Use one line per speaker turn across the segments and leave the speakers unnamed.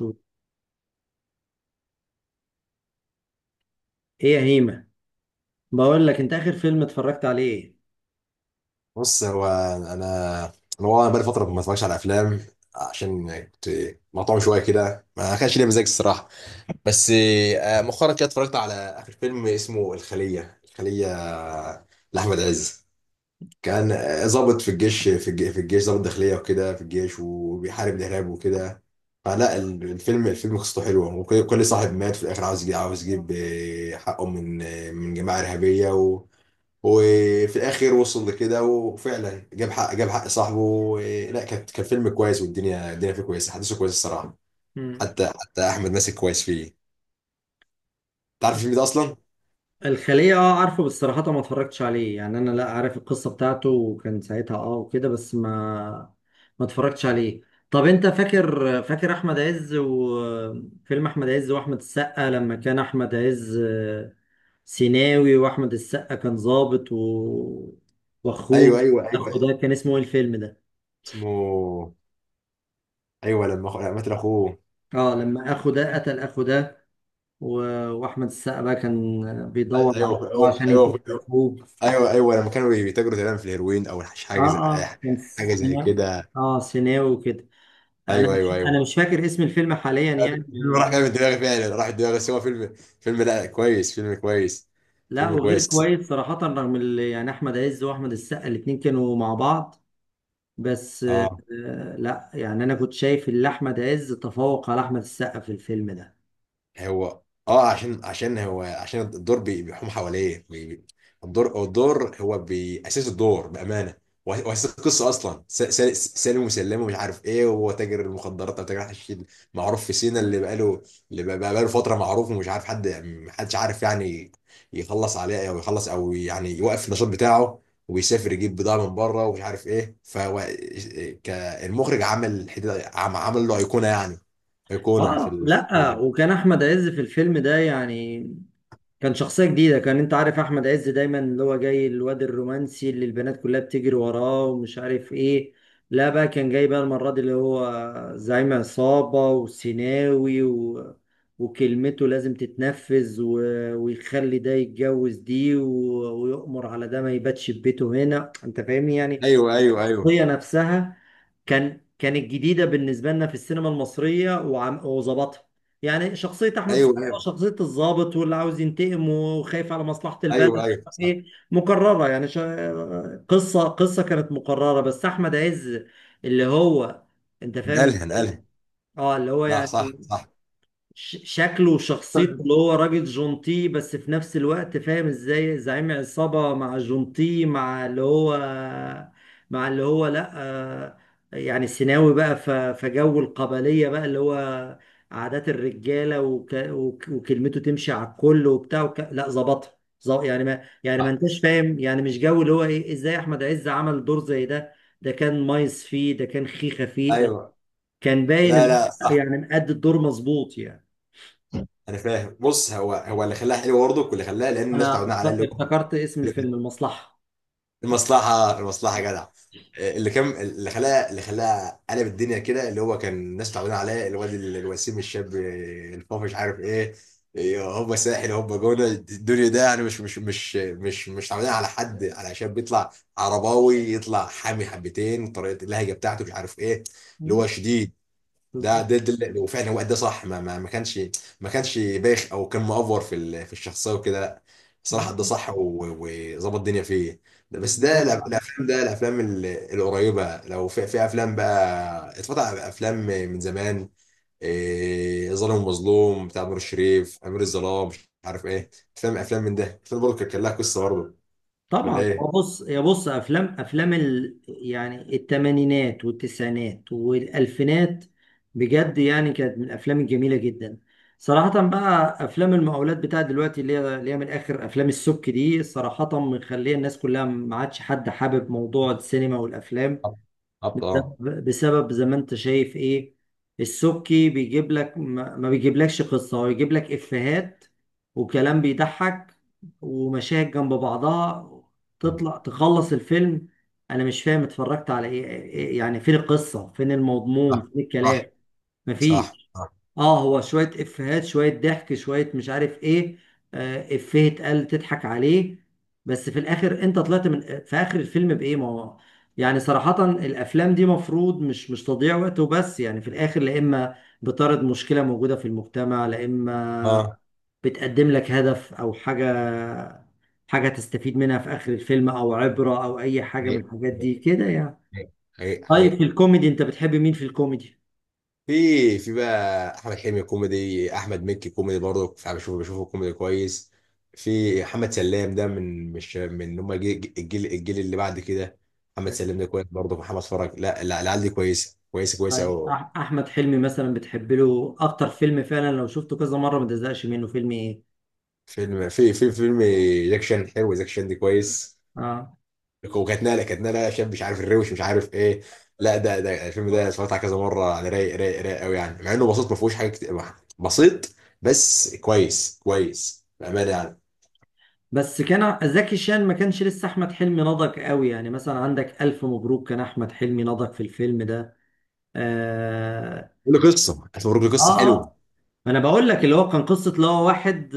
ايه، يا هيمة، بقول لك انت اخر فيلم اتفرجت عليه ايه؟
بص، هو انا والله بقالي فتره ما اتفرجش على افلام، عشان كنت مقطوع شويه كده، ما كانش ليا مزاج الصراحه. بس مؤخرا كده اتفرجت على اخر فيلم اسمه الخليه لاحمد عز. كان ضابط في الجيش ضابط داخليه وكده، في الجيش وبيحارب الارهاب وكده. فلا الفيلم قصته حلوه، وكل صاحب مات في الاخر عاوز يجي، عاوز يجيب حقه من جماعه ارهابيه. وفي الاخر وصل لكده وفعلا جاب حق صاحبه لا، كان فيلم كويس، والدنيا فيه كويسه، احداثه كويسه الصراحه.
مم.
حتى احمد ماسك كويس فيه. تعرف الفيلم ده اصلا؟
الخلية، اه عارفه، بس صراحة ما اتفرجتش عليه. يعني انا لا عارف القصة بتاعته وكان ساعتها اه وكده، بس ما اتفرجتش عليه. طب انت فاكر احمد عز وفيلم احمد عز واحمد السقا لما كان احمد عز سيناوي، واحمد السقا كان ضابط واخوه؟
ايوه، ايوه،
اخو ده
ايوه.
كان اسمه ايه الفيلم ده؟
اسمه... ايوه، لما قتل اخوه.
اه، لما اخو ده قتل اخو ده و- واحمد السقا بقى كان
ايوه،
بيدور على أخوه
ايوه،
عشان ينتقم
ايوه،
من اخوه.
ايوه، ايوه، أيوة. لما كانوا بيتاجروا تقريبا في الهيروين او
اه اه، كان
حاجه زي
سيناوي.
كده.
اه سيناوي وكده. انا
ايوه، ايوه،
مش
ايوه.
انا مش فاكر اسم الفيلم حاليا يعني.
الفيلم راح
مش-
جاي من دماغي فعلا، راح من دماغي، بس هو فيلم لا كويس، فيلم كويس،
لا
فيلم
وغير
كويس.
كويس صراحة، رغم يعني احمد عز واحمد السقا الاتنين كانوا مع بعض، بس
اه،
لا يعني انا كنت شايف ان احمد عز تفوق على احمد السقا في الفيلم ده.
هو اه عشان هو عشان الدور بيحوم حواليه الدور هو بيأسس الدور بأمانة. وأساس القصة أصلا سالم وسلام ومش عارف إيه، وهو تاجر المخدرات أو تاجر حشيش معروف في سينا، اللي بقاله فترة معروف، ومش عارف محدش عارف يعني يخلص عليه، أو يخلص، أو يعني يوقف النشاط بتاعه ويسافر يجيب بضاعة من بره، ومش عارف إيه. فهو كالمخرج عمل له أيقونة، يعني أيقونة في
اه لا،
الفيلم.
وكان احمد عز في الفيلم ده يعني كان شخصية جديدة. انت عارف احمد عز دايما اللي هو جاي الواد الرومانسي اللي البنات كلها بتجري وراه ومش عارف ايه. لا بقى كان جاي بقى المرة دي اللي هو زعيم عصابة وسيناوي، وكلمته لازم تتنفذ، ويخلي ده يتجوز دي، ويؤمر على ده ما يباتش في بيته. هنا انت فاهمني يعني.
ايوه، ايوه، ايوه،
الشخصية نفسها كانت جديدة بالنسبة لنا في السينما المصرية، وظبطها. يعني شخصية أحمد
ايوه،
السقا،
ايوه،
شخصية الضابط واللي عاوز ينتقم وخايف على مصلحة
ايوه،
البلد،
ايوه، صح.
إيه، مكررة. يعني قصة كانت مكررة، بس أحمد عز اللي هو، أنت فاهم
نقلها
إزاي؟
نقلها.
أه اللي هو
صح،
يعني
صح، صح.
شكله وشخصيته
طلع.
اللي هو راجل جونتي بس في نفس الوقت فاهم ازاي زعيم عصابة، مع جونتي، مع اللي هو لا يعني سيناوي بقى، فجو القبلية بقى اللي هو عادات الرجالة، وك وك وكلمته تمشي على الكل وبتاع لا ظبطها. يعني ما يعني ما انتش فاهم يعني مش جو. اللي هو ايه، ازاي احمد عز عمل دور زي ده؟ ده كان مايس فيه، ده كان خيخة فيه، لا
ايوه.
كان باين
لا،
اللي
لا،
هو
صح.
يعني مأدي الدور مظبوط يعني.
انا فاهم. بص، هو اللي خلاها حلوه برضه، واللي خلاها لان الناس
انا
متعودين على اللي هو.
افتكرت اسم الفيلم، المصلحة.
المصلحة، المصلحة، جدع. اللي خلاه قلب الدنيا كده، اللي هو كان الناس تعبانة عليه، الواد الوسيم، الشاب الفافش، مش عارف ايه. هوبا ساحل، هوبا جونة الدنيا ده، يعني مش تعبانين على حد، على شاب يطلع عرباوي، يطلع حامي حبتين، طريقة اللهجة بتاعته، مش عارف ايه، اللي هو
مم.
شديد. ده
بالظبط.
ده, ده اللي- وفعلا هو ادى صح، ما كانش بايخ او كان مأفور في الشخصيه وكده، لا، صراحه ادى
مم.
صح وظبط الدنيا فيه. ده
يعني
بس،
هو
الافلام القريبه. لو في افلام بقى، اتفتح افلام من زمان، إيه ظالم ومظلوم بتاع نور الشريف، امير الظلام، مش عارف ايه، افلام من ده، افلام برضه كان لها قصه برضه، ولا
طبعا هو،
ايه؟
بص افلام يعني الثمانينات والتسعينات والالفينات بجد يعني كانت من الافلام الجميله جدا. صراحه بقى افلام المقاولات بتاعت دلوقتي، اللي هي من اخر افلام السك دي، صراحه مخليه الناس كلها ما عادش حد حابب موضوع السينما والافلام.
بالظبط، اه.
بسبب، زي ما انت شايف ايه، السبكي بيجيب لك، ما بيجيبلكش قصة، هو يجيب لك افيهات وكلام بيضحك ومشاهد جنب بعضها، تطلع تخلص الفيلم. انا مش فاهم اتفرجت على ايه. يعني فين القصة، فين
صح،
المضمون، فين
صح،
الكلام؟
صح.
مفيش.
صح.
اه، هو شوية افيهات، شوية ضحك، شوية مش عارف ايه، افيه اتقال تضحك عليه. بس في الاخر انت طلعت من في اخر الفيلم بايه؟ ما هو يعني صراحة الافلام دي مفروض مش، تضييع وقت وبس، يعني في الاخر لا اما بتعرض مشكلة موجودة في المجتمع، لا اما
اه.
بتقدم لك هدف او حاجة، حاجة تستفيد منها في اخر الفيلم، او عبرة، او اي حاجة من
حقيقي،
الحاجات دي كده يعني.
حقيقي،
طيب في
حقيقي.
الكوميدي انت بتحب مين في الكوميدي؟
في بقى احمد حلمي كوميدي، احمد مكي كوميدي برضه، انا بشوفه كوميدي كويس. في محمد سلام، ده من مش من هم الجيل اللي بعد كده، محمد سلام ده كويس برضه، محمد فرج، لا، لا، العيال دي كويسه، كويسه، كويسه
طيب
قوي.
احمد حلمي مثلا، بتحب له اكتر فيلم فعلا لو شفته كذا مره ما تزهقش منه فيلم ايه؟
فيلم في في فيلم جاك شان حلو، جاك شان دي كويس،
اه،
وكانت نقله شاب، مش عارف الروش، مش عارف ايه. لا، ده الفيلم ده اتفرجت عليه كذا مره يعني، رايق، رايق، رايق قوي يعني، مع انه بسيط، ما فيهوش حاجه كتير، بسيط، بس كويس، كويس بامانه يعني.
بس كان زكي شان، ما كانش لسه احمد حلمي نضج قوي. يعني مثلا عندك الف مبروك، كان احمد حلمي نضج في الفيلم ده. اه
قول له قصه، هتوريك
اه.
قصه حلوه.
آه. انا بقول لك اللي هو، كان قصه اللي هو واحد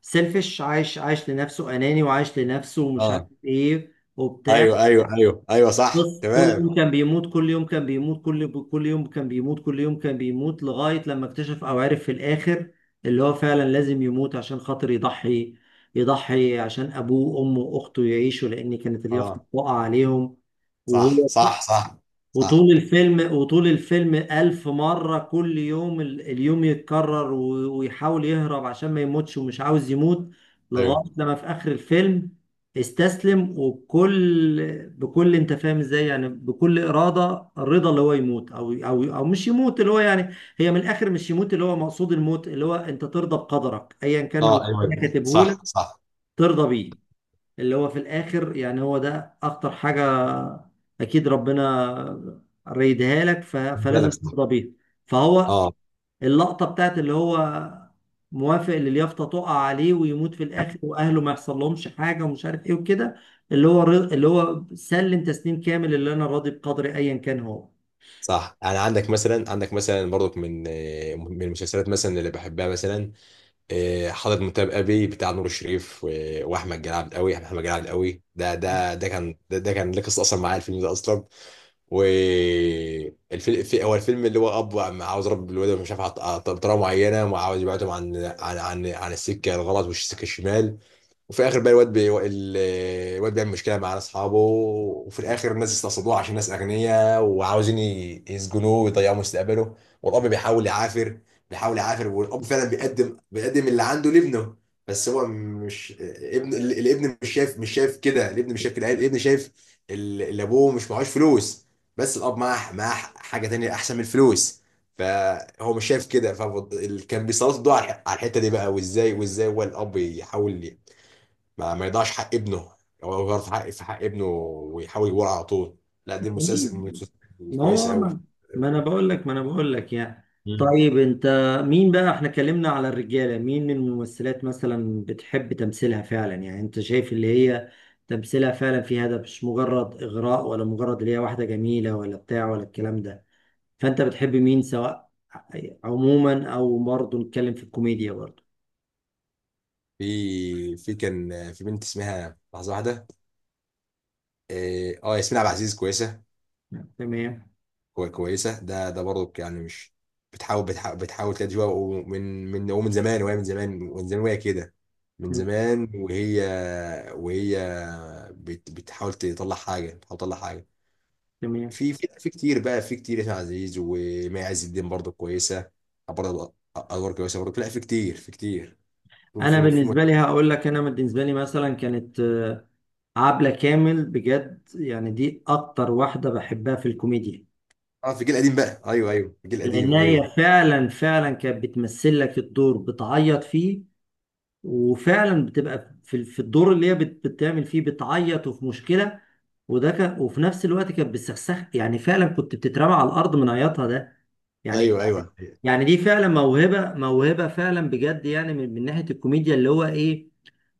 سيلفش عايش لنفسه، اناني وعايش لنفسه ومش عارف
اه،
ايه وبتاع.
ايوه، ايوه، ايوه، ايوه، صح،
بص، كل
تمام.
يوم كان بيموت، كل يوم كان بيموت، كل يوم كان بيموت، كل يوم كان بيموت، لغاية لما اكتشف أو عرف في الآخر اللي هو فعلا لازم يموت عشان خاطر يضحي. يضحي عشان أبوه وأمه وأخته يعيشوا، لأن كانت اليافطة
اه،
بتقع عليهم
صح،
وهو
صح، صح، صح.
وطول الفيلم ألف مرة كل يوم اليوم يتكرر، و- ويحاول يهرب عشان ما يموتش ومش عاوز يموت، لغاية
ايوه،
لما في آخر الفيلم استسلم. وبكل انت فاهم ازاي يعني، بكل إرادة الرضا اللي هو يموت، أو مش يموت. اللي هو يعني، هي من الآخر مش يموت اللي هو، مقصود الموت اللي هو انت ترضى بقدرك أيا كان اللي
اه، ايوه،
ربنا كاتبه لك،
صح، صح.
ترضى بيه. اللي هو في الآخر يعني هو ده أخطر حاجة. أكيد ربنا ريدها لك، فلازم
بالك، صح.
ترضى بيها. فهو،
اه.
اللقطة بتاعت اللي هو موافق اللي اليافطة تقع عليه ويموت في الآخر وأهله ما يحصل لهمش حاجة ومش عارف إيه وكده، اللي هو، اللي هو سلم تسليم كامل، اللي أنا راضي بقدري أيا كان هو.
صح. يعني عندك مثلا، برضك من المسلسلات مثلا، اللي بحبها مثلا. حضرت مسابقه بتاع نور الشريف واحمد جلال عبد قوي، احمد جلال عبد قوي ده كان ليه قصه اصلا معايا، الفيلم ده اصلا. والفيلم في هو الفيلم اللي هو اب عاوز يربي الولد، مش عارف بطريقه معينه، وعاوز يبعدهم عن السكه الغلط والسكه الشمال. وفي الاخر بقى الواد الواد بيعمل مشكله مع اصحابه، وفي الاخر الناس استقصدوه عشان ناس اغنياء، وعاوزين يسجنوه ويضيعوا مستقبله. والاب بيحاول يعافر، والاب فعلا بيقدم اللي عنده لابنه، بس هو مش ابن، الابن مش شايف كده، الابن مش شايف كده، الابن شايف اللي ابوه مش معهوش فلوس، بس الاب معاه حاجه تانية احسن من الفلوس، فهو مش شايف كده. فكان بيسلط الضوء على الحته دي بقى، وازاي هو الاب يحاول ما يضيعش حق ابنه. هو غلط في حق ابنه، ويحاول يجيبه على طول. لا، دي
مين؟
المسلسل من المسلسلات
ما
الكويسه
هو،
قوي.
ما انا بقول لك يعني.
مم.
طيب انت مين بقى؟ احنا اتكلمنا على الرجاله، مين الممثلات مثلا بتحب تمثيلها فعلا؟ يعني انت شايف اللي هي تمثيلها فعلا في هدف، مش مجرد اغراء ولا مجرد اللي هي واحده جميله ولا بتاع ولا الكلام ده. فانت بتحب مين سواء عموما، او برضه نتكلم في الكوميديا برضه؟
في كان في بنت اسمها لحظه واحده. اه، ياسمين عبد العزيز كويسه،
تمام.
كويسه، ده برضه يعني. مش بتحاول تلاقي جوا، ومن زمان وهي، من زمان ومن زمان وهي كده، من
مم.
زمان وهي بتحاول تطلع حاجه، بتحاول تطلع حاجه.
تمام.
في كتير بقى، في كتير، ياسر عزيز ومي عز الدين برضه كويسه، برضه ادوار كويسه برضه، لا، في كتير، في كتير، في
انا
في في
بالنسبه لي هقول لك، انا بالنسبه لي مثلا كانت عبلة كامل بجد يعني، دي أكتر واحدة بحبها في الكوميديا.
اه، في الجيل القديم بقى، ايوه، ايوه، في الجيل
لأن
القديم، ايوه،
هي فعلا كانت بتمثل لك الدور بتعيط فيه، وفعلا بتبقى في الدور اللي هي بتعمل فيه بتعيط وفي مشكلة، وده كان. وفي نفس الوقت كانت بتسخسخ، يعني فعلا كنت بتترمى على الأرض من عياطها ده يعني
ايوه، ايوه،
يعني دي فعلا موهبة، موهبة فعلا بجد يعني، من ناحية الكوميديا اللي هو إيه.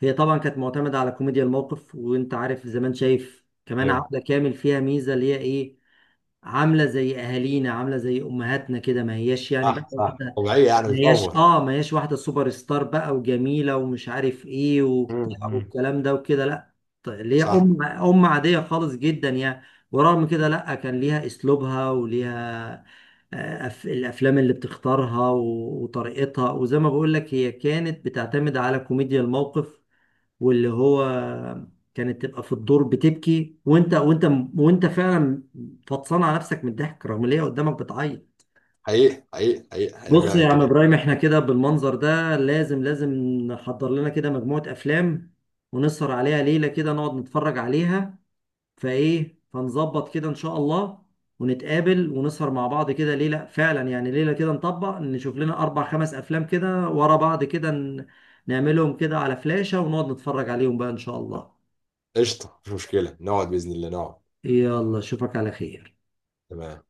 هي طبعا كانت معتمدة على كوميديا الموقف. وانت عارف زمان، شايف كمان
ايوه،
عبلة كامل فيها ميزة اللي هي ايه، عاملة زي اهالينا، عاملة زي امهاتنا كده، ما هياش يعني بقى
صح، صح،
واحدة،
طبيعيه يعني،
ما
مش
هياش
اوفر.
اه ما هياش واحدة سوبر ستار بقى وجميلة ومش عارف ايه وبتاع
مم.
والكلام ده وكده، لا. اللي هي
صح.
ام عادية خالص جدا يعني. ورغم كده لا، كان ليها اسلوبها وليها الافلام اللي بتختارها، وطريقتها. وزي ما بقول لك، هي كانت بتعتمد على كوميديا الموقف، واللي هو كانت تبقى في الدور بتبكي، وانت فعلا فطسان على نفسك من الضحك رغم ان هي قدامك بتعيط.
حقيقي، حقيقي، حقيقي، حقيقي،
بص
فعلا
يا عم
كده.
ابراهيم، احنا كده بالمنظر ده لازم لازم نحضر لنا كده مجموعة افلام ونسهر عليها ليلة كده، نقعد نتفرج عليها. فايه، فنظبط كده ان شاء الله، ونتقابل ونسهر مع بعض كده ليلة فعلا يعني، ليلة كده نطبق نشوف لنا اربع خمس افلام كده ورا بعض كده، نعملهم كده على فلاشة ونقعد نتفرج عليهم بقى ان شاء الله.
قشطه، مش مشكله، نقعد باذن الله، نقعد.
يلا، اشوفك على خير.
تمام.